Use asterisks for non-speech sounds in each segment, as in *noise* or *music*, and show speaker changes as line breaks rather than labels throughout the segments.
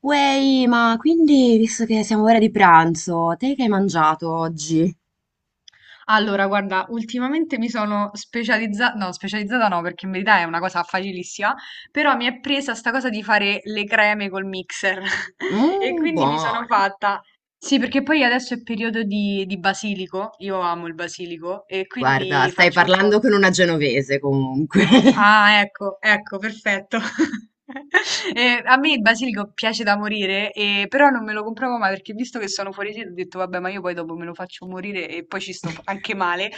Uey, ma quindi, visto che siamo ora di pranzo, te che hai mangiato oggi?
Allora, guarda, ultimamente mi sono specializzata no, perché in verità è una cosa facilissima, però mi è presa sta cosa di fare le creme col mixer *laughs* e
Mmm,
quindi mi sono
buone.
fatta. Sì, perché poi adesso è periodo di basilico, io amo il basilico e
Guarda,
quindi
stai
faccio un po'.
parlando con una genovese comunque.
Ah, ecco, ecco, perfetto. *laughs* E a me il basilico piace da morire, però non me lo compravo mai perché visto che sono fuori sede ho detto vabbè, ma io poi dopo me lo faccio morire e poi ci sto anche male.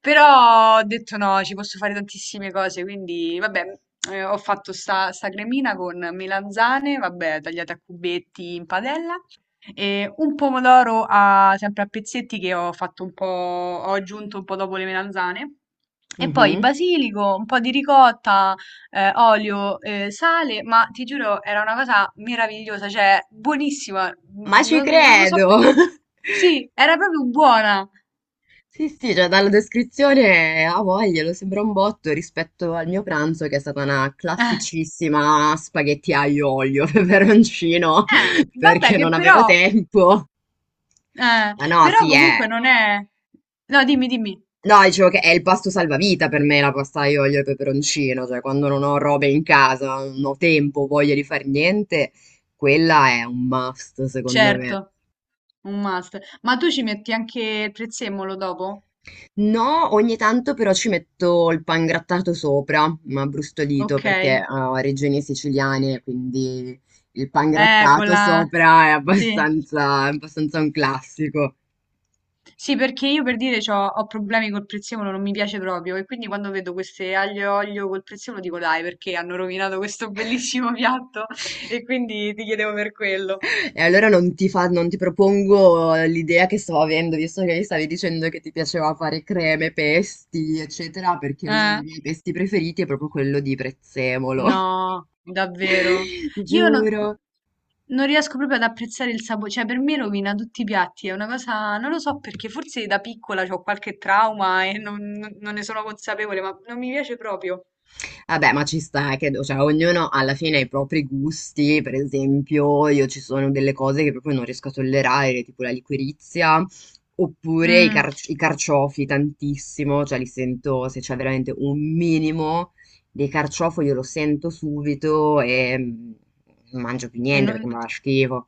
Però ho detto no, ci posso fare
*laughs*
tantissime cose, quindi vabbè, ho fatto sta cremina con melanzane, vabbè, tagliate a cubetti in padella, e un pomodoro sempre a pezzetti che ho fatto un po', ho aggiunto un po' dopo le melanzane. E poi
Mhm.
basilico, un po' di ricotta, olio, sale, ma ti giuro era una cosa meravigliosa, cioè buonissima,
Ma ci
non lo so
credo!
perché.
*laughs*
Sì, era proprio buona.
Sì, sì, cioè dalla descrizione a voglia, lo sembra un botto rispetto al mio pranzo che è stata una
*laughs*
classicissima spaghetti aglio olio *laughs* peperoncino
Vabbè
perché
che
non avevo
però,
tempo.
eh,
Ma no,
però
sì, è...
comunque non è... No, dimmi, dimmi,
No, dicevo che è il pasto salvavita per me la pasta aglio olio e peperoncino, cioè quando non ho robe in casa, non ho tempo, voglia di fare niente, quella è un must secondo me.
certo, un must. Ma tu ci metti anche il prezzemolo dopo?
No, ogni tanto però ci metto il pangrattato sopra, ma brustolito
Ok.
perché ah, ho regioni siciliane, quindi il
Con
pangrattato
la...
sopra
Sì.
è abbastanza un classico.
Sì, perché io per dire ho problemi col prezzemolo, non mi piace proprio. E quindi quando vedo queste aglio e olio col prezzemolo dico dai, perché hanno rovinato questo bellissimo piatto? *laughs* E quindi ti chiedevo per quello.
E allora non ti propongo l'idea che stavo avendo, visto che mi stavi dicendo che ti piaceva fare creme, pesti, eccetera, perché uno
Eh.
dei miei pesti preferiti è proprio quello di prezzemolo.
No, davvero.
*laughs*
Io non,
Giuro.
non riesco proprio ad apprezzare il sapore, cioè per me rovina tutti i piatti, è una cosa, non lo so perché, forse da piccola ho qualche trauma e non ne sono consapevole, ma non mi piace proprio.
Vabbè, ma ci sta, credo, cioè ognuno alla fine ha i propri gusti, per esempio io ci sono delle cose che proprio non riesco a tollerare, tipo la liquirizia, oppure
Mm,
i carciofi tantissimo, cioè li sento se c'è veramente un minimo di carciofo io lo sento subito e non mangio più
e
niente
non-
perché mi fa schifo.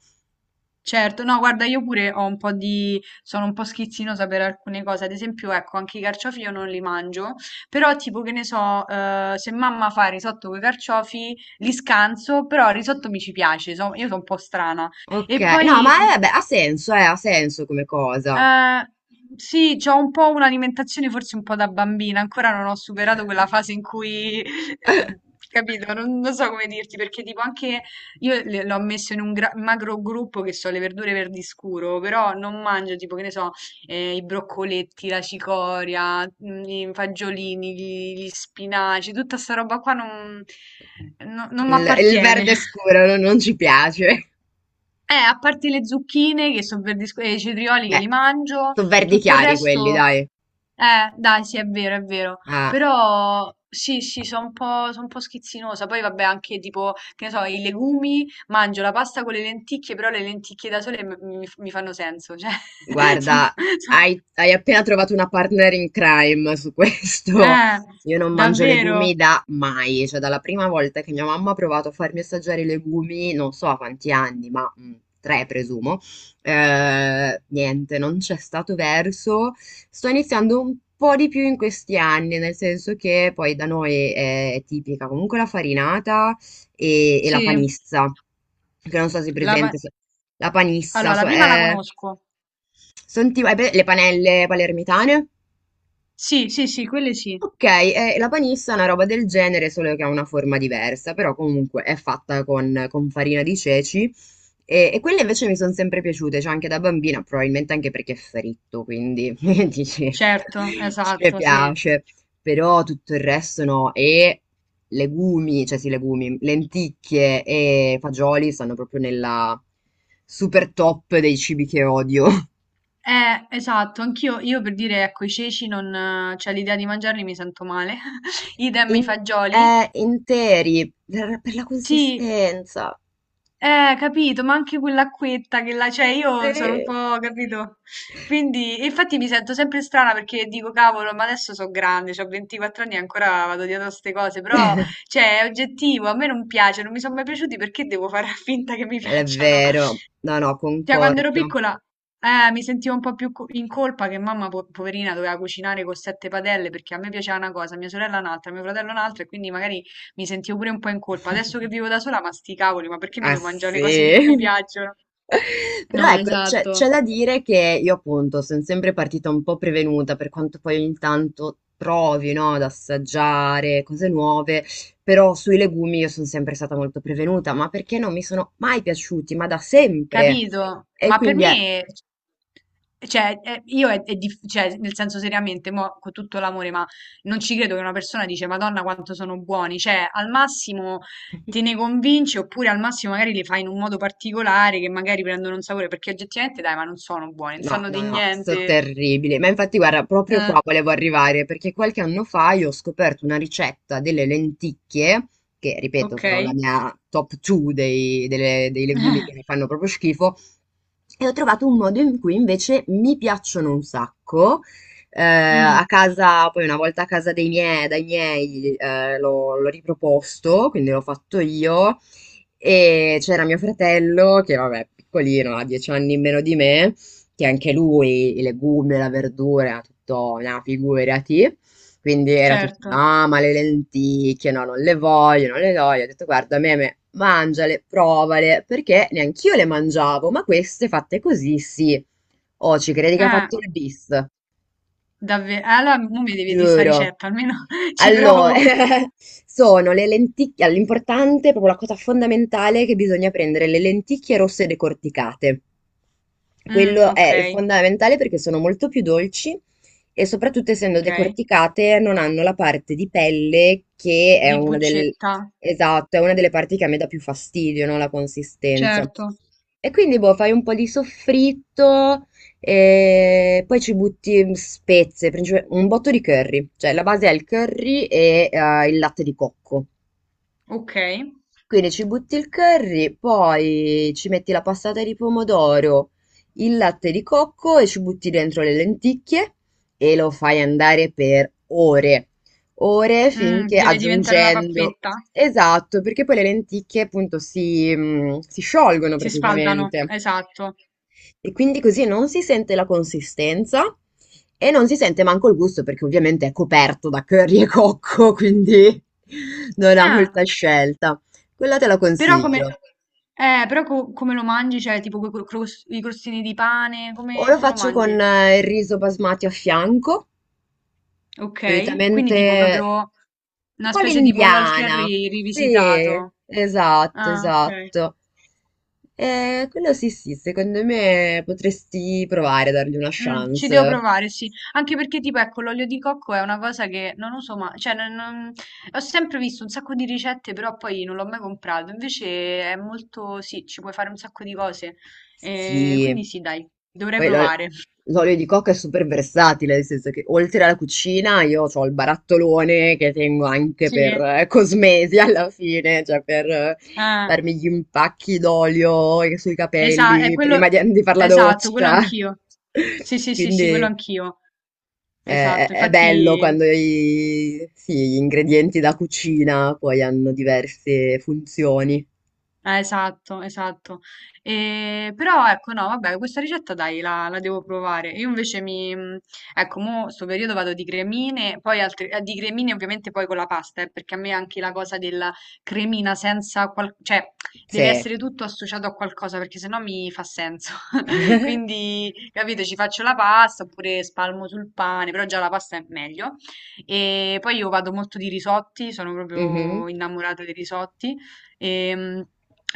certo, no, guarda, io pure ho un po' di... sono un po' schizzinosa per alcune cose, ad esempio, ecco, anche i carciofi io non li mangio, però tipo che ne so, se mamma fa risotto con i carciofi, li scanso, però il risotto mi ci piace, io sono un po' strana.
Ok,
E
no,
poi,
ma vabbè, ha senso come cosa.
eh, sì, c'ho un po' un'alimentazione forse un po' da bambina, ancora non ho superato quella fase in cui,
*laughs*
capito, non so come dirti, perché tipo anche io l'ho messo in un macro gruppo che so le verdure verdi scuro, però non mangio tipo, che ne so, i broccoletti, la cicoria, mm, i fagiolini, gli spinaci, tutta sta roba qua non, no, non mi
Il
appartiene.
verde scuro non ci piace.
A parte le zucchine che sono verdisco e i cetrioli che
Beh,
li mangio,
so' verdi
tutto il
chiari quelli,
resto,
dai.
dai, sì, è vero, è vero.
Eh.
Però sì, sì, sono un po' schizzinosa. Poi vabbè, anche tipo, che ne so, i legumi, mangio la pasta con le lenticchie, però le lenticchie da sole mi fanno senso, cioè, *laughs* sono,
Guarda,
sono-
hai appena trovato una partner in crime su questo.
eh,
Io non mangio legumi
davvero,
da mai, cioè dalla prima volta che mia mamma ha provato a farmi assaggiare i legumi, non so a quanti anni, ma tre presumo, niente, non c'è stato verso. Sto iniziando un po' di più in questi anni, nel senso che poi da noi è tipica comunque la farinata e la
sì.
panissa, che non so se è
La
presente,
pa-
se... La panissa,
allora, la
so,
prima la
è...
conosco.
Senti, le panelle palermitane?
Sì, sì, sì, quelle sì,
Ok, la panissa è una roba del genere, solo che ha una forma diversa, però comunque è fatta con farina di ceci e quelle invece mi sono sempre piaciute, cioè anche da bambina, probabilmente anche perché è fritto, quindi *laughs* dici,
certo,
ci
esatto, sì.
piace, però tutto il resto no, e legumi, cioè sì, legumi, lenticchie e fagioli stanno proprio nella super top dei cibi che odio.
Esatto, anch'io, io per dire, ecco, i ceci non, cioè l'idea di mangiarli mi sento male. *laughs* Idem
In
i fagioli.
interi, per la
Sì,
consistenza.
capito, ma anche quell'acquetta che la, cioè io sono un
Sì.
po', capito? Quindi, e infatti mi sento sempre strana perché dico, cavolo, ma adesso sono grande, ho 24 anni e ancora vado dietro a queste cose, però, cioè, è oggettivo, a me non piace, non mi sono mai piaciuti, perché devo fare *laughs* finta che mi
È
piacciono?
vero. No, no,
Cioè, quando ero
concordo.
piccola, mi sentivo un po' più in colpa che mamma, poverina, doveva cucinare con sette padelle perché a me piaceva una cosa, a mia sorella un'altra, a mio fratello un'altra, e quindi magari mi sentivo pure un po' in colpa. Adesso che vivo da sola, ma sti cavoli, ma perché mi
Ah
devo mangiare le cose che non mi
sì.
piacciono?
*laughs* Però
No,
ecco, c'è
esatto.
da dire che io appunto sono sempre partita un po' prevenuta per quanto poi ogni tanto trovi, no, ad assaggiare cose nuove, però sui legumi io sono sempre stata molto prevenuta, ma perché non mi sono mai piaciuti, ma da sempre.
Capito?
E
Ma per
quindi è...
me, cioè, è cioè, nel senso seriamente, mo, con tutto l'amore, ma non ci credo che una persona dice, Madonna, quanto sono buoni. Cioè, al massimo te
*laughs*
ne convinci, oppure al massimo magari li fai in un modo particolare, che magari prendono un sapore, perché oggettivamente, dai, ma non sono buoni, non
No,
sanno
no,
di
no, sto
niente.
terribile. Ma infatti, guarda, proprio
Eh,
qua volevo arrivare perché qualche anno fa io ho scoperto una ricetta delle lenticchie, che ripeto
ok.
sono la mia top 2 dei legumi che mi
*laughs*
fanno proprio schifo, e ho trovato un modo in cui invece mi piacciono un sacco.
Mm,
A casa, poi una volta a casa dei miei, dai miei, l'ho riproposto, quindi l'ho fatto io. E c'era mio fratello, che vabbè, piccolino, ha dieci anni in meno di me, che anche lui i legumi, la verdura, era tutto, no, figurati. Quindi era tutto,
certo.
no, ma le lenticchie, no, non le voglio, non le voglio. Ho detto, guarda, meme, mangiale, provale, perché neanch'io le mangiavo, ma queste fatte così, sì. Oh, ci credi che ha
Eh,
fatto il bis?
davvero. Allora, mo mi devi di sta
Giuro.
ricetta, almeno *laughs* ci
Allora,
provo.
*laughs* sono le lenticchie, l'importante, proprio la cosa fondamentale è che bisogna prendere le lenticchie rosse decorticate.
Mm,
Quello
ok,
è fondamentale perché sono molto più dolci e soprattutto essendo
ok.
decorticate non hanno la parte di pelle che è
Di
una del...
bucetta.
Esatto, è una delle parti che a me dà più fastidio, no? La consistenza.
Certo.
E quindi boh, fai un po' di soffritto e poi ci butti spezie, un botto di curry, cioè la base è il curry e il latte di cocco.
Ok.
Quindi ci butti il curry, poi ci metti la passata di pomodoro, il latte di cocco e ci butti dentro le lenticchie e lo fai andare per ore, ore
Mm,
finché
deve diventare una
aggiungendo.
pappetta?
Esatto, perché poi le lenticchie appunto si, si sciolgono
Si sfaldano,
praticamente.
esatto.
E quindi così non si sente la consistenza e non si sente manco il gusto, perché ovviamente è coperto da curry e cocco, quindi *laughs* non ha
Ah,
molta scelta. Quella te la
però come...
consiglio.
Però come lo mangi? Cioè, tipo quei i crostini di pane,
O
come,
lo
come lo
faccio con
mangi?
il riso basmati a fianco,
Ok. Quindi tipo
solitamente
proprio
un
una
po'
specie di pollo al
l'indiana.
curry
Sì,
rivisitato.
esatto,
Ah, ok.
esatto. Quello sì, sì, secondo me potresti provare a dargli una
Ci devo
chance.
provare, sì. Anche perché tipo, ecco, l'olio di cocco è una cosa che non uso ma cioè non ho sempre visto un sacco di ricette, però poi non l'ho mai comprato. Invece è molto sì, ci puoi fare un sacco di cose.
Sì.
Quindi sì, dai, dovrei
Poi
provare. *laughs*
l'olio di cocco è super versatile, nel senso che oltre alla cucina io ho il barattolone che tengo anche
Sì,
per cosmesi alla fine, cioè per farmi gli impacchi d'olio sui
esa è
capelli prima
quello
di fare la
esatto, quello
doccia.
anch'io. Sì,
*laughs*
sì, sì,
Quindi
sì, quello anch'io. Esatto,
è bello
infatti
quando sì, gli ingredienti da cucina poi hanno diverse funzioni.
eh, esatto, esatto. E, però ecco, no, vabbè, questa ricetta dai, la devo provare. Io invece mi, ecco, mo sto periodo vado di cremine, poi altri, di cremine ovviamente poi con la pasta, perché a me anche la cosa della cremina senza cioè deve
Sì.
essere tutto associato a qualcosa, perché sennò mi fa senso. *laughs* Quindi, capito, ci faccio la pasta oppure spalmo sul pane, però già la pasta è meglio. E poi io vado molto di risotti, sono
Mhm.
proprio innamorata dei risotti. Ehm,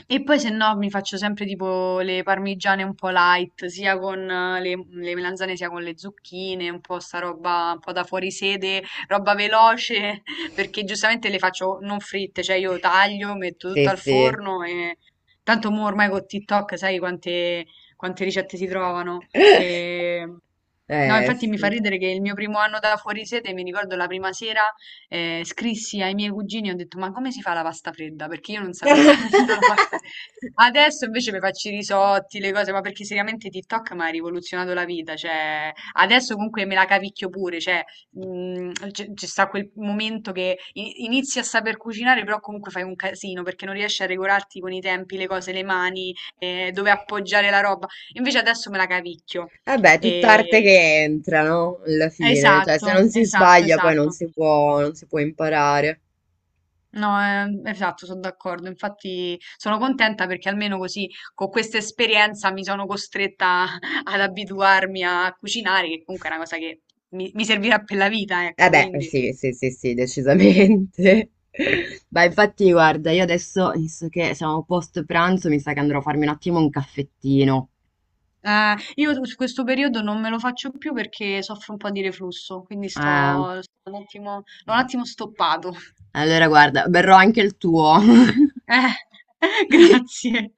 e poi se no mi faccio sempre tipo le parmigiane un po' light, sia con le melanzane sia con le zucchine, un po' sta roba un po' da fuori sede, roba veloce, *laughs* perché giustamente le faccio non fritte, cioè io taglio, metto
Sì,
tutto al
sì.
forno e tanto mo ormai con TikTok sai quante, quante ricette si trovano.
*laughs*
E no, infatti mi fa
Sì.
ridere che il mio primo anno da fuori sede, mi ricordo la prima sera, scrissi ai miei cugini e ho detto: Ma come si fa la pasta fredda? Perché io non sapevo fare *laughs* nemmeno la pasta fredda.
*laughs*
Adesso invece mi faccio i risotti, le cose, ma perché seriamente TikTok mi ha rivoluzionato la vita. Cioè, adesso comunque me la cavicchio pure. Cioè, mm, c'è sta quel momento che inizi a saper cucinare, però comunque fai un casino perché non riesci a regolarti con i tempi, le cose, le mani, dove appoggiare la roba. Invece adesso me la cavicchio.
Vabbè, tutta arte
E
che entra, no? Alla fine, cioè se non
esatto,
si
esatto,
sbaglia poi non
esatto.
si può, non si può imparare.
No, esatto, sono d'accordo. Infatti sono contenta perché almeno così con questa esperienza mi sono costretta *laughs* ad abituarmi a cucinare, che comunque è una cosa che mi servirà per la vita,
Eh
ecco,
beh, eh
quindi.
sì, sì, sì, sì, decisamente. *laughs* Beh, infatti, guarda, io adesso, visto che siamo post pranzo, mi sa che andrò a farmi un attimo un caffettino.
Io su questo periodo non me lo faccio più perché soffro un po' di reflusso, quindi
Eh,
sto, sto un attimo, l'ho un attimo stoppato. *laughs*
allora, guarda, berrò anche il tuo. *laughs*
Eh, *laughs* grazie.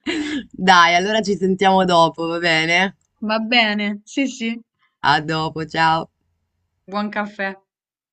Dai, allora ci sentiamo dopo, va bene?
Va bene, sì, sì.
A dopo, ciao!
Buon caffè.